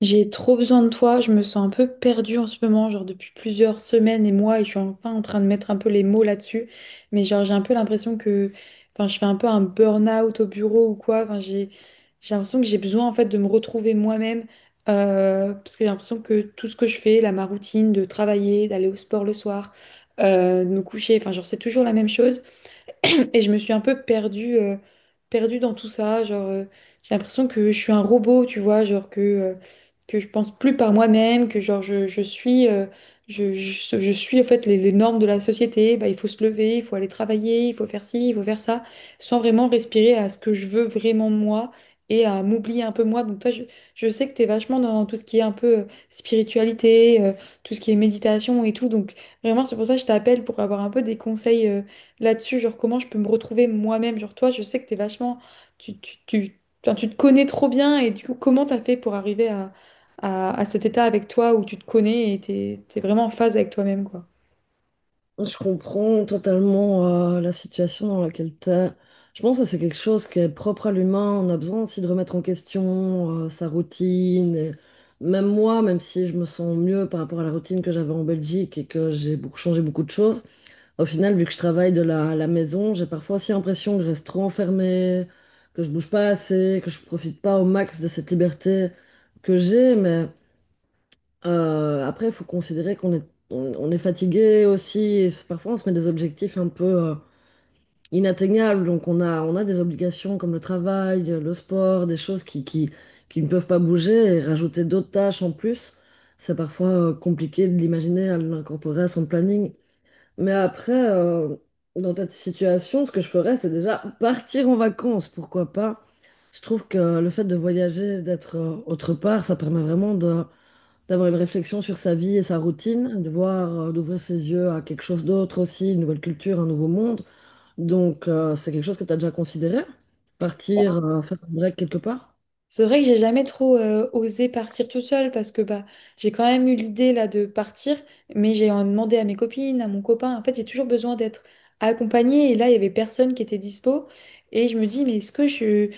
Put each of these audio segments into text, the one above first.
J'ai trop besoin de toi, je me sens un peu perdue en ce moment, genre depuis plusieurs semaines et mois, et je suis enfin en train de mettre un peu les mots là-dessus, mais genre j'ai un peu l'impression que, enfin je fais un peu un burn-out au bureau ou quoi, enfin j'ai l'impression que j'ai besoin en fait de me retrouver moi-même, parce que j'ai l'impression que tout ce que je fais, là ma routine de travailler, d'aller au sport le soir, de me coucher, enfin genre c'est toujours la même chose. Et je me suis un peu perdue dans tout ça. Genre, j'ai l'impression que je suis un robot, tu vois, genre que je pense plus par moi-même, que genre je suis, je suis en fait les normes de la société. Bah, il faut se lever, il faut aller travailler, il faut faire ci, il faut faire ça, sans vraiment respirer à ce que je veux vraiment moi et à m'oublier un peu moi. Donc toi, je sais que tu es vachement dans tout ce qui est un peu spiritualité, tout ce qui est méditation et tout. Donc vraiment, c'est pour ça que je t'appelle pour avoir un peu des conseils, là-dessus, genre comment je peux me retrouver moi-même, genre toi, je sais que t'es vachement, enfin, tu te connais trop bien et du coup, comment t'as fait pour arriver à cet état avec toi où tu te connais et t'es vraiment en phase avec toi-même, quoi. Je comprends totalement la situation dans laquelle t'es. Je pense que c'est quelque chose qui est propre à l'humain. On a besoin aussi de remettre en question sa routine. Et même moi, même si je me sens mieux par rapport à la routine que j'avais en Belgique et que j'ai beaucoup changé beaucoup de choses, au final, vu que je travaille à la maison, j'ai parfois aussi l'impression que je reste trop enfermée, que je bouge pas assez, que je profite pas au max de cette liberté que j'ai. Mais après, il faut considérer on est fatigué aussi. Et parfois, on se met des objectifs un peu inatteignables. Donc, on a des obligations comme le travail, le sport, des choses qui ne peuvent pas bouger. Et rajouter d'autres tâches en plus, c'est parfois compliqué de l'imaginer, à l'incorporer à son planning. Mais après, dans cette situation, ce que je ferais, c'est déjà partir en vacances. Pourquoi pas? Je trouve que le fait de voyager, d'être autre part, ça permet vraiment de d'avoir une réflexion sur sa vie et sa routine, de voir, d'ouvrir ses yeux à quelque chose d'autre aussi, une nouvelle culture, un nouveau monde. Donc, c'est quelque chose que tu as déjà considéré, partir, faire un break quelque part. C'est vrai que j'ai jamais trop osé partir tout seul parce que bah j'ai quand même eu l'idée là de partir, mais j'ai en demandé à mes copines, à mon copain. En fait, j'ai toujours besoin d'être accompagnée et là, il y avait personne qui était dispo et je me dis mais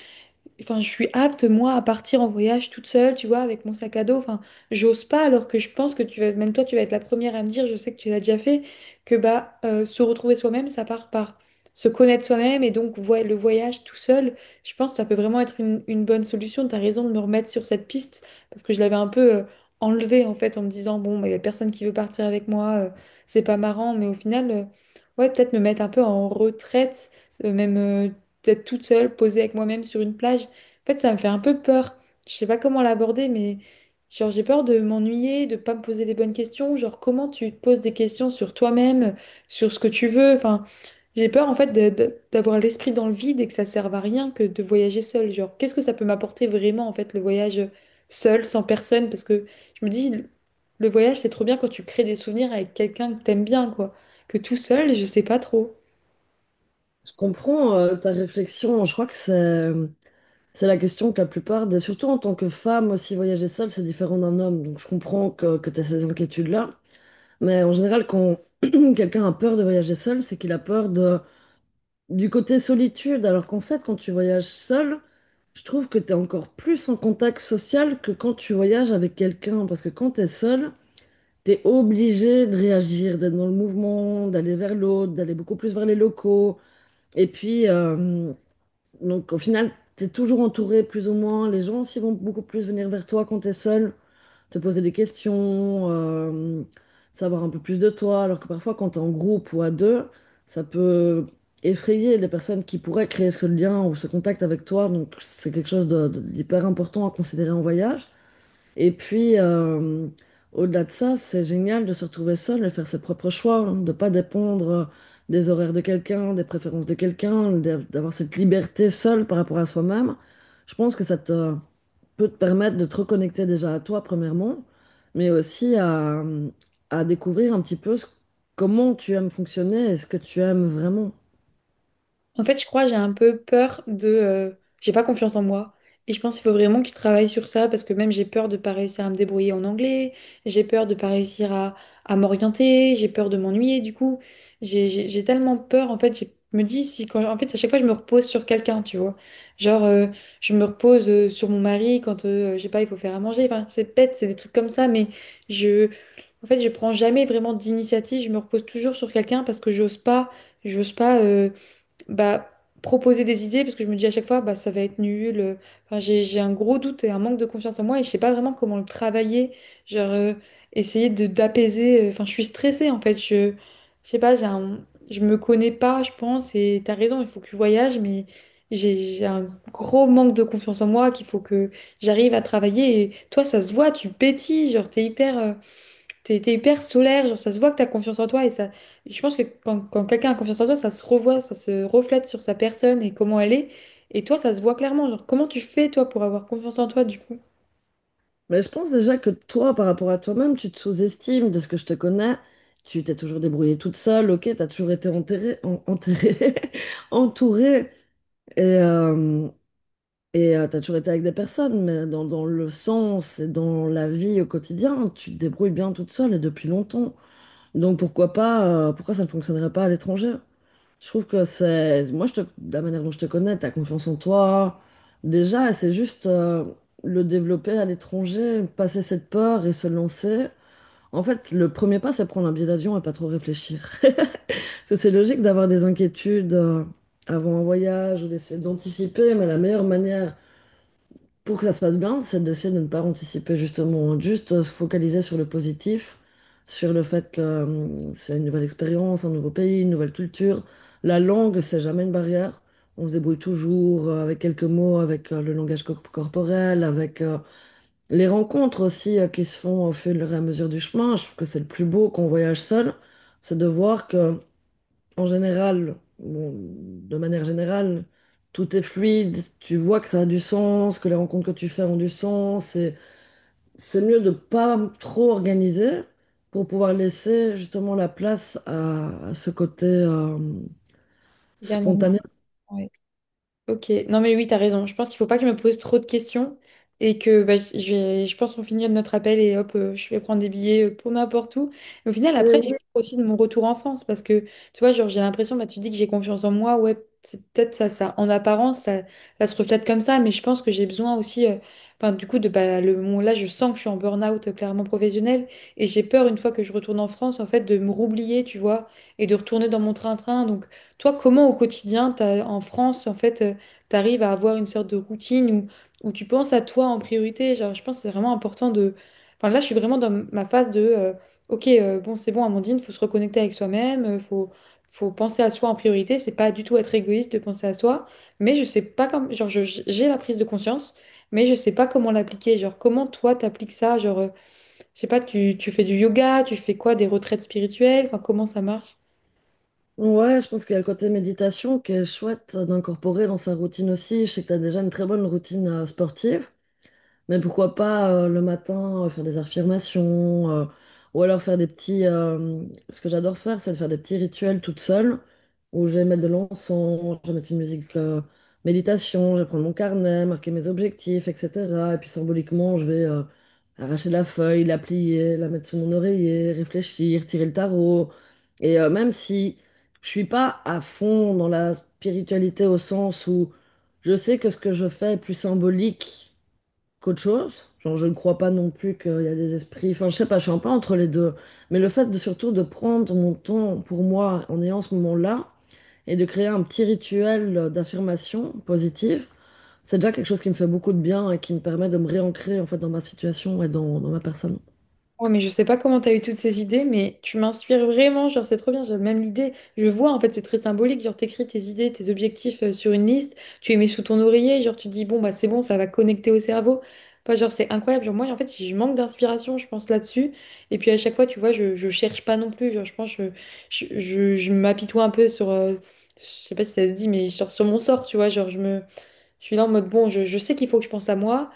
Enfin, je suis apte, moi, à partir en voyage toute seule, tu vois, avec mon sac à dos. Enfin, j'ose pas, alors que je pense que tu vas, même toi, tu vas être la première à me dire, je sais que tu l'as déjà fait, que bah, se retrouver soi-même, ça part par se connaître soi-même. Et donc, le voyage tout seul, je pense que ça peut vraiment être une bonne solution. Tu as raison de me remettre sur cette piste, parce que je l'avais un peu enlevée, en fait, en me disant, bon, il y a personne qui veut partir avec moi, c'est pas marrant. Mais au final, ouais, peut-être me mettre un peu en retraite, même. D'être toute seule, posée avec moi-même sur une plage. En fait, ça me fait un peu peur. Je sais pas comment l'aborder, mais genre j'ai peur de m'ennuyer, de pas me poser les bonnes questions. Genre comment tu te poses des questions sur toi-même, sur ce que tu veux. Enfin, j'ai peur en fait d'avoir l'esprit dans le vide et que ça serve à rien que de voyager seul. Genre qu'est-ce que ça peut m'apporter vraiment en fait le voyage seul, sans personne? Parce que je me dis le voyage c'est trop bien quand tu crées des souvenirs avec quelqu'un que t'aimes bien quoi. Que tout seul, je sais pas trop. Je comprends ta réflexion, je crois que c'est la question que la plupart des, surtout en tant que femme aussi, voyager seule, c'est différent d'un homme, donc je comprends que tu as ces inquiétudes-là. Mais en général, quand quelqu'un a peur de voyager seul, c'est qu'il a peur de du côté solitude, alors qu'en fait, quand tu voyages seul, je trouve que tu es encore plus en contact social que quand tu voyages avec quelqu'un. Parce que quand tu es seul, tu es obligé de réagir, d'être dans le mouvement, d'aller vers l'autre, d'aller beaucoup plus vers les locaux. Et puis, donc au final, tu es toujours entouré plus ou moins. Les gens aussi vont beaucoup plus venir vers toi quand tu es seul te poser des questions, savoir un peu plus de toi, alors que parfois quand tu es en groupe ou à deux, ça peut effrayer les personnes qui pourraient créer ce lien ou ce contact avec toi, donc c'est quelque chose d'hyper important à considérer en voyage. Et puis, au-delà de ça, c'est génial de se retrouver seul et faire ses propres choix, hein, de ne pas dépendre des horaires de quelqu'un, des préférences de quelqu'un, d'avoir cette liberté seule par rapport à soi-même. Je pense que peut te permettre de te reconnecter déjà à toi, premièrement, mais aussi à découvrir un petit peu comment tu aimes fonctionner et ce que tu aimes vraiment. En fait, je crois que j'ai un peu peur de... j'ai pas confiance en moi. Et je pense qu'il faut vraiment que je travaille sur ça parce que même j'ai peur de pas réussir à me débrouiller en anglais, j'ai peur de pas réussir à m'orienter, j'ai peur de m'ennuyer du coup. J'ai tellement peur, en fait, je me dis si quand... En fait, à chaque fois, je me repose sur quelqu'un, tu vois. Genre, je me repose sur mon mari quand, je sais pas, il faut faire à manger. Enfin, c'est bête, c'est des trucs comme ça, mais je... En fait, je prends jamais vraiment d'initiative, je me repose toujours sur quelqu'un parce que j'ose pas. J'ose pas. Bah, proposer des idées parce que je me dis à chaque fois bah, ça va être nul. Enfin, j'ai un gros doute et un manque de confiance en moi et je sais pas vraiment comment le travailler. Genre essayer de d'apaiser. Enfin, je suis stressée en fait. Je sais pas, je me connais pas, je pense. Et t'as raison, il faut que je voyage, mais j'ai un gros manque de confiance en moi qu'il faut que j'arrive à travailler. Et toi, ça se voit, tu pétilles, genre T'es, hyper solaire, genre ça se voit que t'as confiance en toi et ça. Je pense que quand quelqu'un a confiance en toi, ça se revoit, ça se reflète sur sa personne et comment elle est. Et toi, ça se voit clairement. Genre, comment tu fais toi pour avoir confiance en toi du coup, Mais je pense déjà que toi, par rapport à toi-même, tu te sous-estimes de ce que je te connais. Tu t'es toujours débrouillée toute seule, ok, t'as toujours été enterrée, entourée, et, euh, et t'as toujours été avec des personnes, mais dans le sens et dans la vie au quotidien, tu te débrouilles bien toute seule et depuis longtemps. Donc pourquoi pas, pourquoi ça ne fonctionnerait pas à l'étranger? Je trouve que c'est, de la manière dont je te connais, t'as confiance en toi. Déjà, et c'est juste le développer à l'étranger, passer cette peur et se lancer. En fait, le premier pas, c'est prendre un billet d'avion et pas trop réfléchir. Parce que c'est logique d'avoir des inquiétudes avant un voyage ou d'essayer d'anticiper, mais la meilleure manière pour que ça se passe bien, c'est d'essayer de ne pas anticiper justement, juste se focaliser sur le positif, sur le fait que c'est une nouvelle expérience, un nouveau pays, une nouvelle culture. La langue, c'est jamais une barrière. On se débrouille toujours avec quelques mots, avec le langage corporel, avec les rencontres aussi qui se font au fur et à mesure du chemin. Je trouve que c'est le plus beau quand on voyage seul, c'est de voir que en général, bon, de manière générale, tout est fluide, tu vois que ça a du sens, que les rencontres que tu fais ont du sens, et c'est mieux de pas trop organiser pour pouvoir laisser justement la place à ce côté dernièrement? spontané. Ouais. Ok, non mais oui, t'as raison. Je pense qu'il faut pas que je me pose trop de questions et que bah, je vais, je pense qu'on finit notre appel et hop, je vais prendre des billets pour n'importe où. Mais au final, après, j'ai Ouais, peur aussi de mon retour en France parce que tu vois, genre, j'ai l'impression, bah, tu dis que j'ai confiance en moi, ouais, c'est peut-être ça. En apparence, ça se reflète comme ça, mais je pense que j'ai besoin aussi, enfin, du coup, de bah, le moment là, je sens que je suis en burn-out clairement professionnel et j'ai peur une fois que je retourne en France, en fait, de me roublier, tu vois, et de retourner dans mon train-train. Donc, toi, comment au quotidien, en France, en fait, tu arrives à avoir une sorte de routine où tu penses à toi en priorité. Genre, je pense que c'est vraiment important de... Enfin, là, je suis vraiment dans ma phase de... ok, bon, c'est bon, Amandine, faut se reconnecter avec soi-même, faut penser à soi en priorité. C'est pas du tout être égoïste de penser à soi, mais je sais pas comme... Genre, j'ai la prise de conscience, mais je sais pas comment l'appliquer. Genre, comment toi, t'appliques ça? Genre, je sais pas, tu fais du yoga, tu fais quoi, des retraites spirituelles? Enfin, comment ça marche? ouais, je pense qu'il y a le côté méditation qui est chouette d'incorporer dans sa routine aussi. Je sais que tu as déjà une très bonne routine sportive. Mais pourquoi pas le matin faire des affirmations ou alors faire des petits. Ce que j'adore faire, c'est de faire des petits rituels toute seule où je vais mettre de l'encens, je vais mettre une musique méditation, je vais prendre mon carnet, marquer mes objectifs, etc. Et puis symboliquement, je vais arracher la feuille, la plier, la mettre sous mon oreiller, réfléchir, tirer le tarot. Et même si je suis pas à fond dans la spiritualité au sens où je sais que ce que je fais est plus symbolique qu'autre chose. Genre, je ne crois pas non plus qu'il y a des esprits. Enfin, je sais pas, je suis un peu entre les deux. Mais le fait de surtout de prendre mon temps pour moi en ayant ce moment-là et de créer un petit rituel d'affirmation positive, c'est déjà quelque chose qui me fait beaucoup de bien et qui me permet de me réancrer en fait dans ma situation et dans ma personne. Ouais, mais je sais pas comment t'as eu toutes ces idées, mais tu m'inspires vraiment, genre c'est trop bien, j'ai même l'idée. Je vois, en fait, c'est très symbolique, genre t'écris tes idées, tes objectifs sur une liste, tu les mets sous ton oreiller, genre tu dis bon bah c'est bon, ça va connecter au cerveau. Enfin, genre c'est incroyable, genre moi en fait je manque d'inspiration, je pense là-dessus. Et puis à chaque fois, tu vois, je cherche pas non plus, genre je pense je m'apitoie un peu sur, je sais pas si ça se dit, mais sur mon sort, tu vois, genre je suis là en mode bon, je sais qu'il faut que je pense à moi.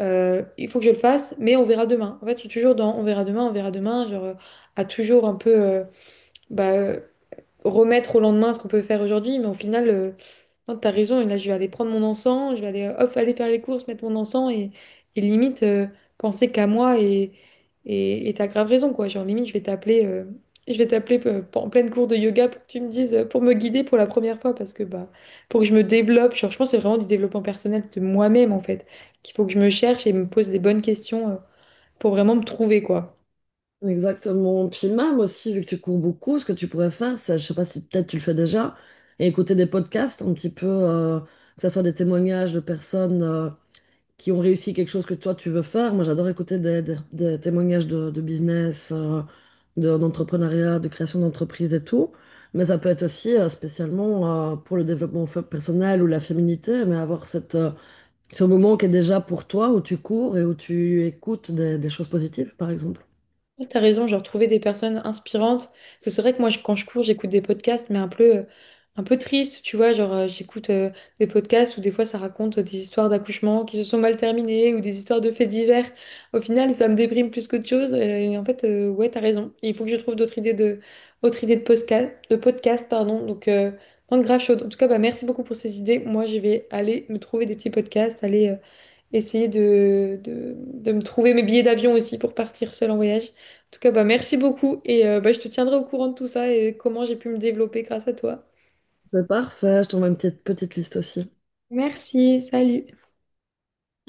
Il faut que je le fasse, mais on verra demain. En fait, je suis toujours dans on verra demain, genre à toujours un peu bah, euh, remettre au lendemain ce qu'on peut faire aujourd'hui, mais au final, non, t'as raison, et là, je vais aller prendre mon encens, je vais aller, hop, aller faire les courses, mettre mon encens, et limite, penser qu'à moi, et t'as grave raison, quoi. Genre, limite, je vais t'appeler en pleine cours de yoga pour que tu me dises, pour me guider pour la première fois, parce que, bah, pour que je me développe, genre, je pense que c'est vraiment du développement personnel de moi-même, en fait, qu'il faut que je me cherche et me pose les bonnes questions, pour vraiment me trouver, quoi. Exactement. Puis même aussi, vu que tu cours beaucoup, ce que tu pourrais faire, c'est, je sais pas si peut-être tu le fais déjà, et écouter des podcasts un petit peu, que ce soit des témoignages de personnes. Qui ont réussi quelque chose que toi tu veux faire. Moi, j'adore écouter des témoignages de business, d'entrepreneuriat, de création d'entreprise et tout. Mais ça peut être aussi spécialement pour le développement personnel ou la féminité, mais avoir cette, ce moment qui est déjà pour toi, où tu cours et où tu écoutes des choses positives, par exemple. Ouais, t'as raison, genre trouver des personnes inspirantes. Parce que c'est vrai que moi, quand je cours, j'écoute des podcasts, mais un peu triste, tu vois. Genre, j'écoute des podcasts où des fois, ça raconte des histoires d'accouchement qui se sont mal terminées ou des histoires de faits divers. Au final, ça me déprime plus qu'autre chose. Et, en fait, ouais, t'as raison. Il faut que je trouve d'autres idées de, autres idées de podcast, pardon. Donc, non, grave chaude. En tout cas, bah, merci beaucoup pour ces idées. Moi, je vais aller me trouver des petits podcasts, aller. Essayer de me trouver mes billets d'avion aussi pour partir seule en voyage. En tout cas, bah, merci beaucoup et bah, je te tiendrai au courant de tout ça et comment j'ai pu me développer grâce à toi. C'est parfait, je t'envoie une petite, petite liste aussi. Merci, salut.